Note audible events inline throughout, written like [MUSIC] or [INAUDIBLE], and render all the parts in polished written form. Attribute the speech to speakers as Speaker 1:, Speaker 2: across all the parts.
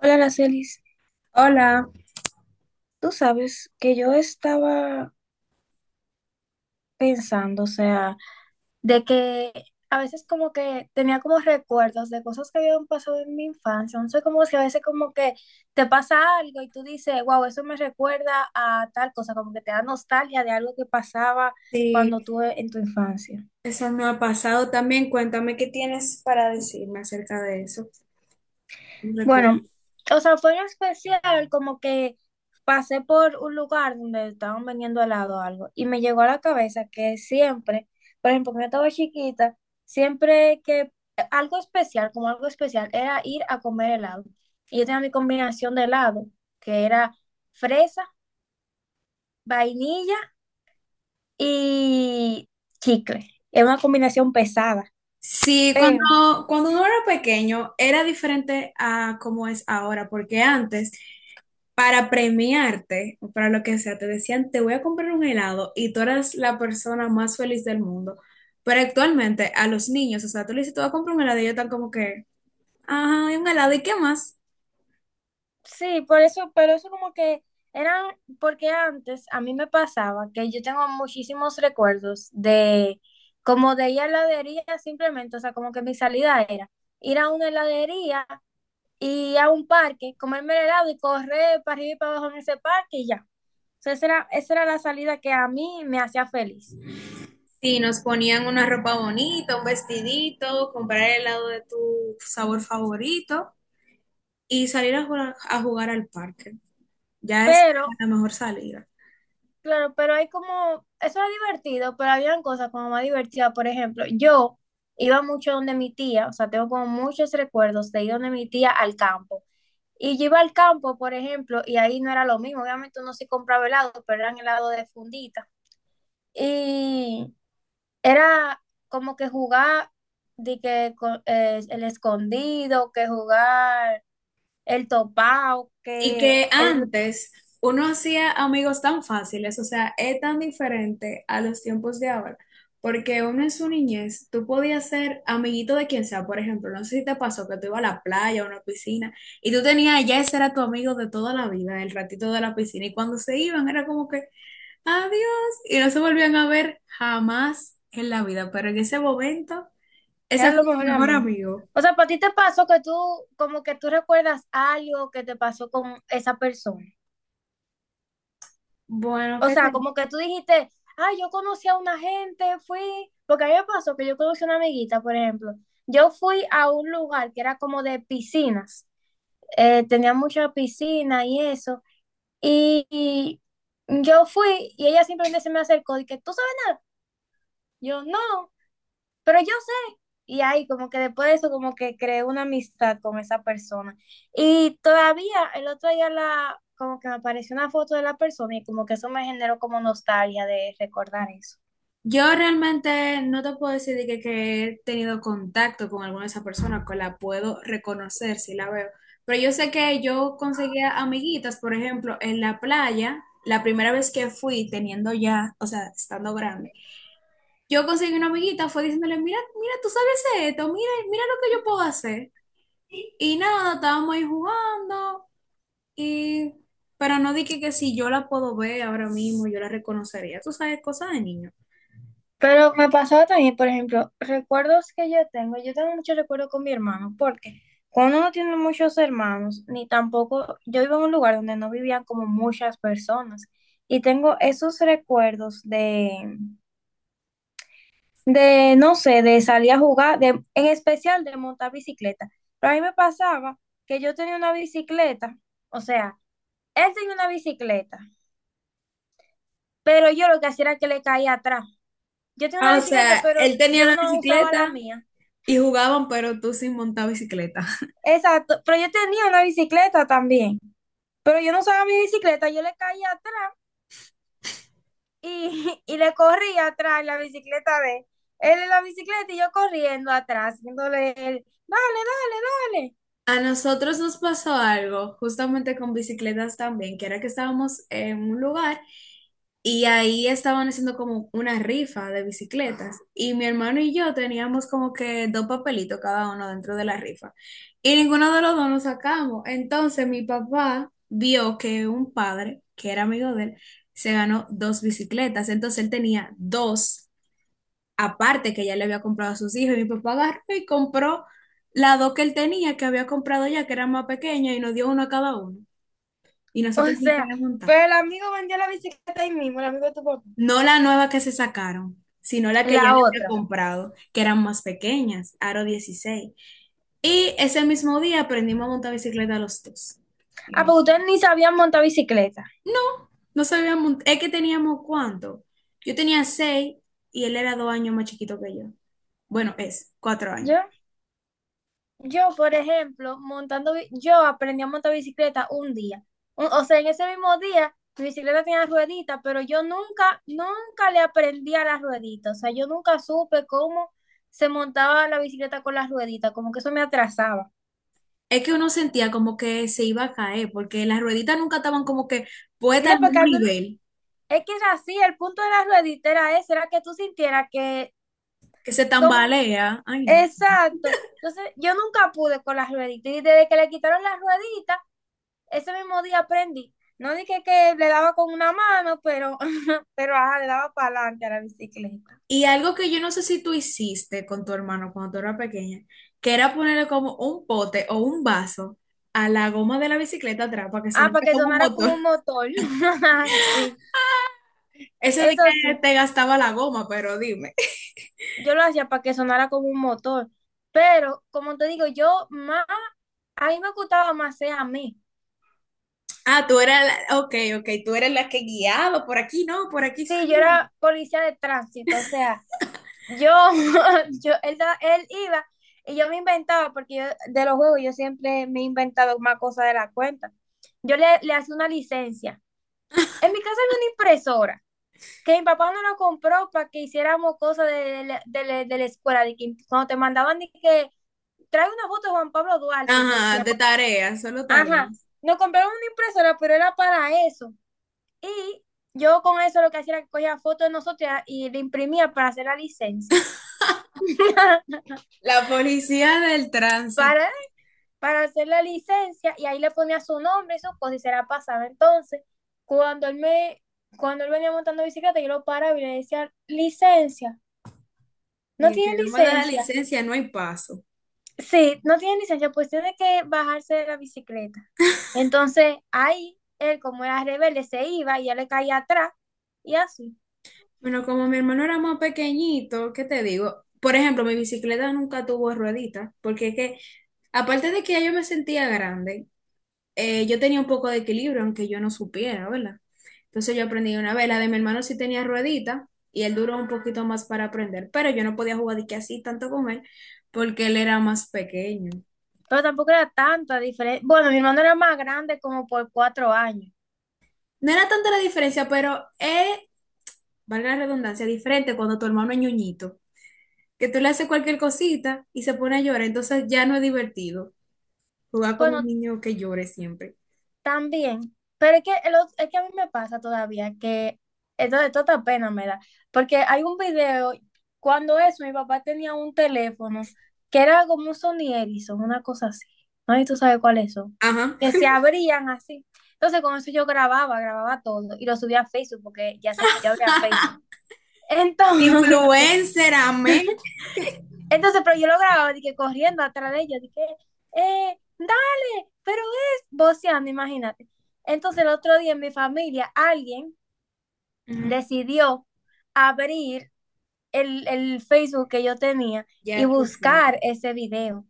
Speaker 1: Hola, Aracelis.
Speaker 2: Hola,
Speaker 1: Tú sabes que yo estaba pensando, o sea, de que a veces como que tenía como recuerdos de cosas que habían pasado en mi infancia. No sé cómo es que a veces como que te pasa algo y tú dices, wow, eso me recuerda a tal cosa, como que te da nostalgia de algo que pasaba
Speaker 2: sí,
Speaker 1: cuando tú en tu infancia.
Speaker 2: eso no ha pasado también. Cuéntame qué tienes para decirme acerca de eso. Un
Speaker 1: Bueno,
Speaker 2: recuerdo.
Speaker 1: o sea, fue en especial como que pasé por un lugar donde estaban vendiendo helado o algo y me llegó a la cabeza que siempre, por ejemplo, cuando yo estaba chiquita, siempre que algo especial, como algo especial, era ir a comer helado. Y yo tenía mi combinación de helado, que era fresa, vainilla y chicle. Era una combinación pesada,
Speaker 2: Sí,
Speaker 1: pero
Speaker 2: cuando uno era pequeño era diferente a como es ahora, porque antes, para premiarte o para lo que sea, te decían, te voy a comprar un helado y tú eras la persona más feliz del mundo. Pero actualmente a los niños, o sea, tú le dices, te voy a comprar un helado y ellos están como que, ajá, ¿y un helado, y qué más?
Speaker 1: sí, por eso, pero eso como que eran, porque antes a mí me pasaba que yo tengo muchísimos recuerdos de como de ir a heladería simplemente, o sea, como que mi salida era ir a una heladería y a un parque, comerme el helado y correr para arriba y para abajo en ese parque y ya. O sea, esa era la salida que a mí me hacía feliz.
Speaker 2: Sí, nos ponían una ropa bonita, un vestidito, comprar el helado de tu sabor favorito y salir a jugar al parque. Ya es
Speaker 1: Pero
Speaker 2: la mejor salida.
Speaker 1: claro, pero hay como, eso era divertido, pero habían cosas como más divertidas. Por ejemplo, yo iba mucho donde mi tía, o sea, tengo como muchos recuerdos de ir donde mi tía al campo. Y yo iba al campo, por ejemplo, y ahí no era lo mismo. Obviamente uno sí compraba helado, pero eran helado de fundita. Y era como que jugar de que el escondido, que jugar el topado,
Speaker 2: Y
Speaker 1: que
Speaker 2: que
Speaker 1: el
Speaker 2: antes uno hacía amigos tan fáciles, o sea, es tan diferente a los tiempos de ahora, porque uno en su niñez, tú podías ser amiguito de quien sea, por ejemplo, no sé si te pasó que tú ibas a la playa o a una piscina y tú tenías, ya ese era tu amigo de toda la vida, el ratito de la piscina, y cuando se iban era como que... adiós. Y no se volvían a ver jamás en la vida, pero en ese momento, ese
Speaker 1: eran
Speaker 2: fue
Speaker 1: los
Speaker 2: su
Speaker 1: mejores
Speaker 2: mejor
Speaker 1: amigos.
Speaker 2: amigo.
Speaker 1: O sea, ¿para ti te pasó que tú, como que tú recuerdas algo que te pasó con esa persona?
Speaker 2: Bueno,
Speaker 1: O
Speaker 2: ¿qué
Speaker 1: sea,
Speaker 2: te...
Speaker 1: como que tú dijiste, ah, yo conocí a una gente, fui, porque a mí me pasó que yo conocí a una amiguita, por ejemplo. Yo fui a un lugar que era como de piscinas, tenía mucha piscina y eso, y yo fui y ella simplemente se me acercó y que, ¿tú sabes nada? Yo no. Pero yo sé, y ahí como que después de eso como que creé una amistad con esa persona. Y todavía el otro día la, como que me apareció una foto de la persona y como que eso me generó como nostalgia de recordar eso.
Speaker 2: Yo realmente no te puedo decir de que he tenido contacto con alguna de esas personas, que la puedo reconocer si la veo, pero yo sé que yo conseguía amiguitas, por ejemplo, en la playa, la primera vez que fui teniendo ya, o sea, estando grande, yo conseguí una amiguita, fue diciéndole, mira, mira, tú sabes esto, mira, mira lo que yo puedo hacer. Y nada, estábamos ahí jugando. Y, pero no dije que si yo la puedo ver ahora mismo, yo la reconocería. Tú sabes, cosas de niño.
Speaker 1: Pero me pasaba también, por ejemplo, recuerdos que yo tengo. Yo tengo muchos recuerdos con mi hermano, porque cuando uno tiene muchos hermanos, ni tampoco, yo vivo en un lugar donde no vivían como muchas personas. Y tengo esos recuerdos de, no sé, de salir a jugar, de, en especial de montar bicicleta. Pero a mí me pasaba que yo tenía una bicicleta, o sea, él tenía una bicicleta, pero yo lo que hacía era que le caía atrás. Yo tenía una
Speaker 2: Ah, o
Speaker 1: bicicleta,
Speaker 2: sea,
Speaker 1: pero
Speaker 2: él tenía
Speaker 1: yo
Speaker 2: la
Speaker 1: no usaba la
Speaker 2: bicicleta
Speaker 1: mía.
Speaker 2: y jugaban, pero tú sin montar bicicleta. [LAUGHS]
Speaker 1: Exacto, pero yo tenía una bicicleta también, pero yo no usaba mi bicicleta, yo le caía atrás y, [LAUGHS] y le corría atrás en la bicicleta de él. Él en la bicicleta y yo corriendo atrás, haciéndole él, dale, dale, dale.
Speaker 2: A nosotros nos pasó algo, justamente con bicicletas también, que era que estábamos en un lugar. Y ahí estaban haciendo como una rifa de bicicletas. Y mi hermano y yo teníamos como que dos papelitos cada uno dentro de la rifa. Y ninguno de los dos nos sacamos. Entonces mi papá vio que un padre, que era amigo de él, se ganó dos bicicletas. Entonces él tenía dos aparte que ya le había comprado a sus hijos. Y mi papá agarró y compró las dos que él tenía, que había comprado ya, que eran más pequeñas, y nos dio uno a cada uno. Y
Speaker 1: [LAUGHS] O
Speaker 2: nosotros nos
Speaker 1: sea,
Speaker 2: montar.
Speaker 1: pero el amigo vendió la bicicleta ahí mismo, el amigo de tu papá.
Speaker 2: No la nueva que se sacaron, sino la que ya le
Speaker 1: La
Speaker 2: había
Speaker 1: otra.
Speaker 2: comprado, que eran más pequeñas, Aro 16. Y ese mismo día aprendimos a montar bicicleta los dos.
Speaker 1: Ah, pues ustedes ni sabían montar bicicleta.
Speaker 2: No, no sabíamos, es que teníamos cuánto. Yo tenía 6 y él era 2 años más chiquito que yo. Bueno, es cuatro
Speaker 1: Yo,
Speaker 2: años.
Speaker 1: yo, por ejemplo, montando, yo aprendí a montar bicicleta un día. O sea, en ese mismo día, mi bicicleta tenía ruedita, pero yo nunca, nunca le aprendí a las rueditas. O sea, yo nunca supe cómo se montaba la bicicleta con las rueditas, como que eso me atrasaba.
Speaker 2: Es que uno sentía como que se iba a caer, porque las rueditas nunca estaban como que puestas
Speaker 1: No,
Speaker 2: al
Speaker 1: porque
Speaker 2: mismo nivel,
Speaker 1: es que era así, el punto de las rueditas era ese, era que tú sintieras que
Speaker 2: que se
Speaker 1: con...
Speaker 2: tambalea. Ay, no.
Speaker 1: exacto. Entonces, yo nunca pude con las rueditas. Y desde que le quitaron las rueditas, ese mismo día aprendí. No dije que le daba con una mano, pero, [LAUGHS] pero ajá, le daba para adelante a la bicicleta.
Speaker 2: Y algo que yo no sé si tú hiciste con tu hermano cuando tú eras pequeña, que era ponerle como un pote o un vaso a la goma de la bicicleta atrás para que
Speaker 1: Ah,
Speaker 2: sonara
Speaker 1: para que
Speaker 2: como un
Speaker 1: sonara
Speaker 2: motor.
Speaker 1: como un
Speaker 2: [LAUGHS]
Speaker 1: motor. [LAUGHS] Sí,
Speaker 2: Eso de
Speaker 1: eso
Speaker 2: que
Speaker 1: sí.
Speaker 2: te gastaba la goma, pero dime. [LAUGHS]
Speaker 1: Yo lo hacía para que sonara como un motor. Pero, como te digo, yo más, a mí me gustaba más ser a mí.
Speaker 2: Ah, tú eras la, ok, ok, tú eres la que guiaba, por aquí no, por aquí
Speaker 1: Sí, yo
Speaker 2: sí.
Speaker 1: era policía de tránsito, o sea, yo, [LAUGHS] yo, él iba y yo me inventaba, porque yo de los juegos yo siempre me he inventado más cosas de la cuenta. Yo le, le hacía una licencia. En mi casa había una impresora, que mi papá no la compró para que hiciéramos cosas de, de la escuela, de que cuando te mandaban de que trae una foto de Juan Pablo Duarte. Y le
Speaker 2: Ajá,
Speaker 1: decíamos,
Speaker 2: de tareas, solo
Speaker 1: ajá,
Speaker 2: tareas.
Speaker 1: nos compraron una impresora, pero era para eso. Y yo con eso lo que hacía era que cogía fotos de nosotros y la imprimía para hacer la licencia. [LAUGHS]
Speaker 2: La policía del tránsito.
Speaker 1: Para para hacer la licencia y ahí le ponía su nombre y su cosa y se la pasaba. Entonces, cuando él me, cuando él venía montando bicicleta, yo lo paraba y le decía, licencia, ¿no
Speaker 2: Y si
Speaker 1: tiene
Speaker 2: no me da la
Speaker 1: licencia?
Speaker 2: licencia, no hay paso.
Speaker 1: Sí, no tiene licencia, pues tiene que bajarse de la bicicleta. Entonces, ahí él, como era rebelde, se iba y ya le caía atrás y así.
Speaker 2: Bueno, como mi hermano era más pequeñito, ¿qué te digo? Por ejemplo, mi bicicleta nunca tuvo rueditas, porque es que, aparte de que ya yo me sentía grande, yo tenía un poco de equilibrio, aunque yo no supiera, ¿verdad? Entonces yo aprendí una vez, la de mi hermano sí tenía ruedita, y él duró un poquito más para aprender, pero yo no podía jugar de que así tanto con él, porque él era más pequeño.
Speaker 1: Pero tampoco era tanta diferencia. Bueno, mi hermano era más grande como por 4 años.
Speaker 2: No era tanta la diferencia, pero es, valga la redundancia, diferente cuando tu hermano es ñoñito, que tú le haces cualquier cosita y se pone a llorar, entonces ya no es divertido jugar como un
Speaker 1: Bueno,
Speaker 2: niño que llore siempre.
Speaker 1: también, pero es que, es que a mí me pasa todavía que esto de toda pena me da, porque hay un video, cuando eso, mi papá tenía un teléfono que era como un Sony Ericsson, una cosa así, ¿no? Y tú sabes cuáles son,
Speaker 2: Ajá.
Speaker 1: que se abrían así. Entonces con eso yo grababa, grababa todo y lo subía a Facebook porque ya, se, ya había
Speaker 2: [LAUGHS]
Speaker 1: Facebook. Entonces, [LAUGHS]
Speaker 2: Influencer, amén.
Speaker 1: entonces, pero yo lo grababa, dije, corriendo atrás de ellos, dije, dale, pero es voceando, imagínate. Entonces, el otro día en mi familia, alguien
Speaker 2: Ujú.
Speaker 1: decidió abrir el Facebook que yo tenía y
Speaker 2: Ya tú sabes.
Speaker 1: buscar ese video.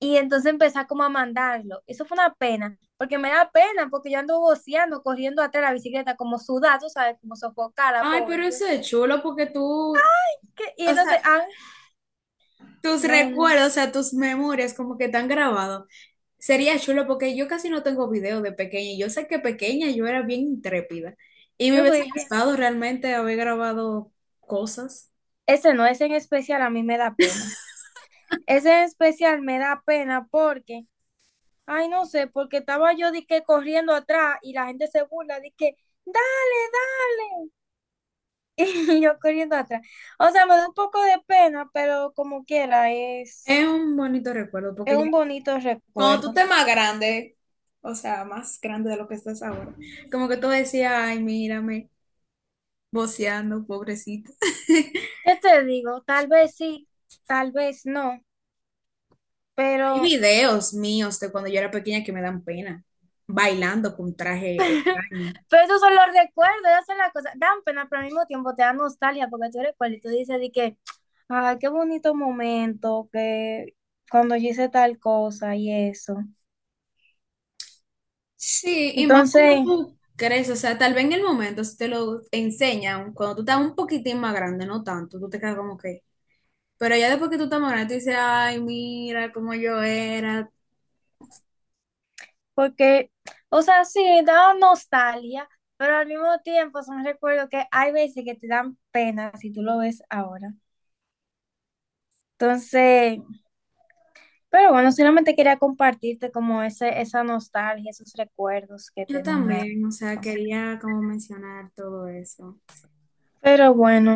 Speaker 1: Y entonces empezar como a mandarlo. Eso fue una pena, porque me da pena, porque yo ando voceando, corriendo atrás de la bicicleta, como sudada, tú sabes, como sofocada,
Speaker 2: Ay, pero
Speaker 1: pobre. Yo,
Speaker 2: eso es chulo porque tú,
Speaker 1: ¿qué? Y
Speaker 2: o
Speaker 1: entonces,
Speaker 2: sea,
Speaker 1: ah,
Speaker 2: tus
Speaker 1: no, no,
Speaker 2: recuerdos, o sea, tus memorias como que están grabados. Sería chulo porque yo casi no tengo video de pequeña. Y yo sé que pequeña yo era bien intrépida y me
Speaker 1: no,
Speaker 2: hubiese
Speaker 1: pues,
Speaker 2: gustado realmente haber grabado cosas.
Speaker 1: ese no, ese en especial a mí me da pena. Ese en especial me da pena porque, ay, no sé, porque estaba yo de que corriendo atrás y la gente se burla de que, dale, dale, [LAUGHS] y yo corriendo atrás. O sea, me da un poco de pena, pero como quiera,
Speaker 2: Es un bonito recuerdo
Speaker 1: es
Speaker 2: porque ya
Speaker 1: un bonito
Speaker 2: cuando tú
Speaker 1: recuerdo.
Speaker 2: estés más grande, o sea, más grande de lo que estás ahora, como que tú decías, ay, mírame. Voceando, pobrecita. [LAUGHS]
Speaker 1: ¿Qué te digo? Tal vez sí, tal vez no,
Speaker 2: Hay
Speaker 1: pero
Speaker 2: videos míos de cuando yo era pequeña que me dan pena, bailando con traje extraño.
Speaker 1: Pero esos son los recuerdos, esas son las cosas. Dan pena, pero al mismo tiempo te da nostalgia porque tú recuerdas y tú dices de que, ay, qué bonito momento, que cuando yo hice tal cosa y eso.
Speaker 2: Sí, y más cuando
Speaker 1: Entonces,
Speaker 2: tú crees, o sea, tal vez en el momento si te lo enseñan, cuando tú estás un poquitín más grande, no tanto, tú te quedas como que. Pero ya después que tú estás más grande, tú dices, ay, mira cómo yo era.
Speaker 1: porque, o sea, sí, da nostalgia, pero al mismo tiempo son recuerdos que hay veces que te dan pena si tú lo ves ahora. Entonces, pero bueno, solamente quería compartirte como ese, esa nostalgia, esos recuerdos que
Speaker 2: Yo
Speaker 1: tenía.
Speaker 2: también, o sea, quería como mencionar todo eso.
Speaker 1: Pero bueno.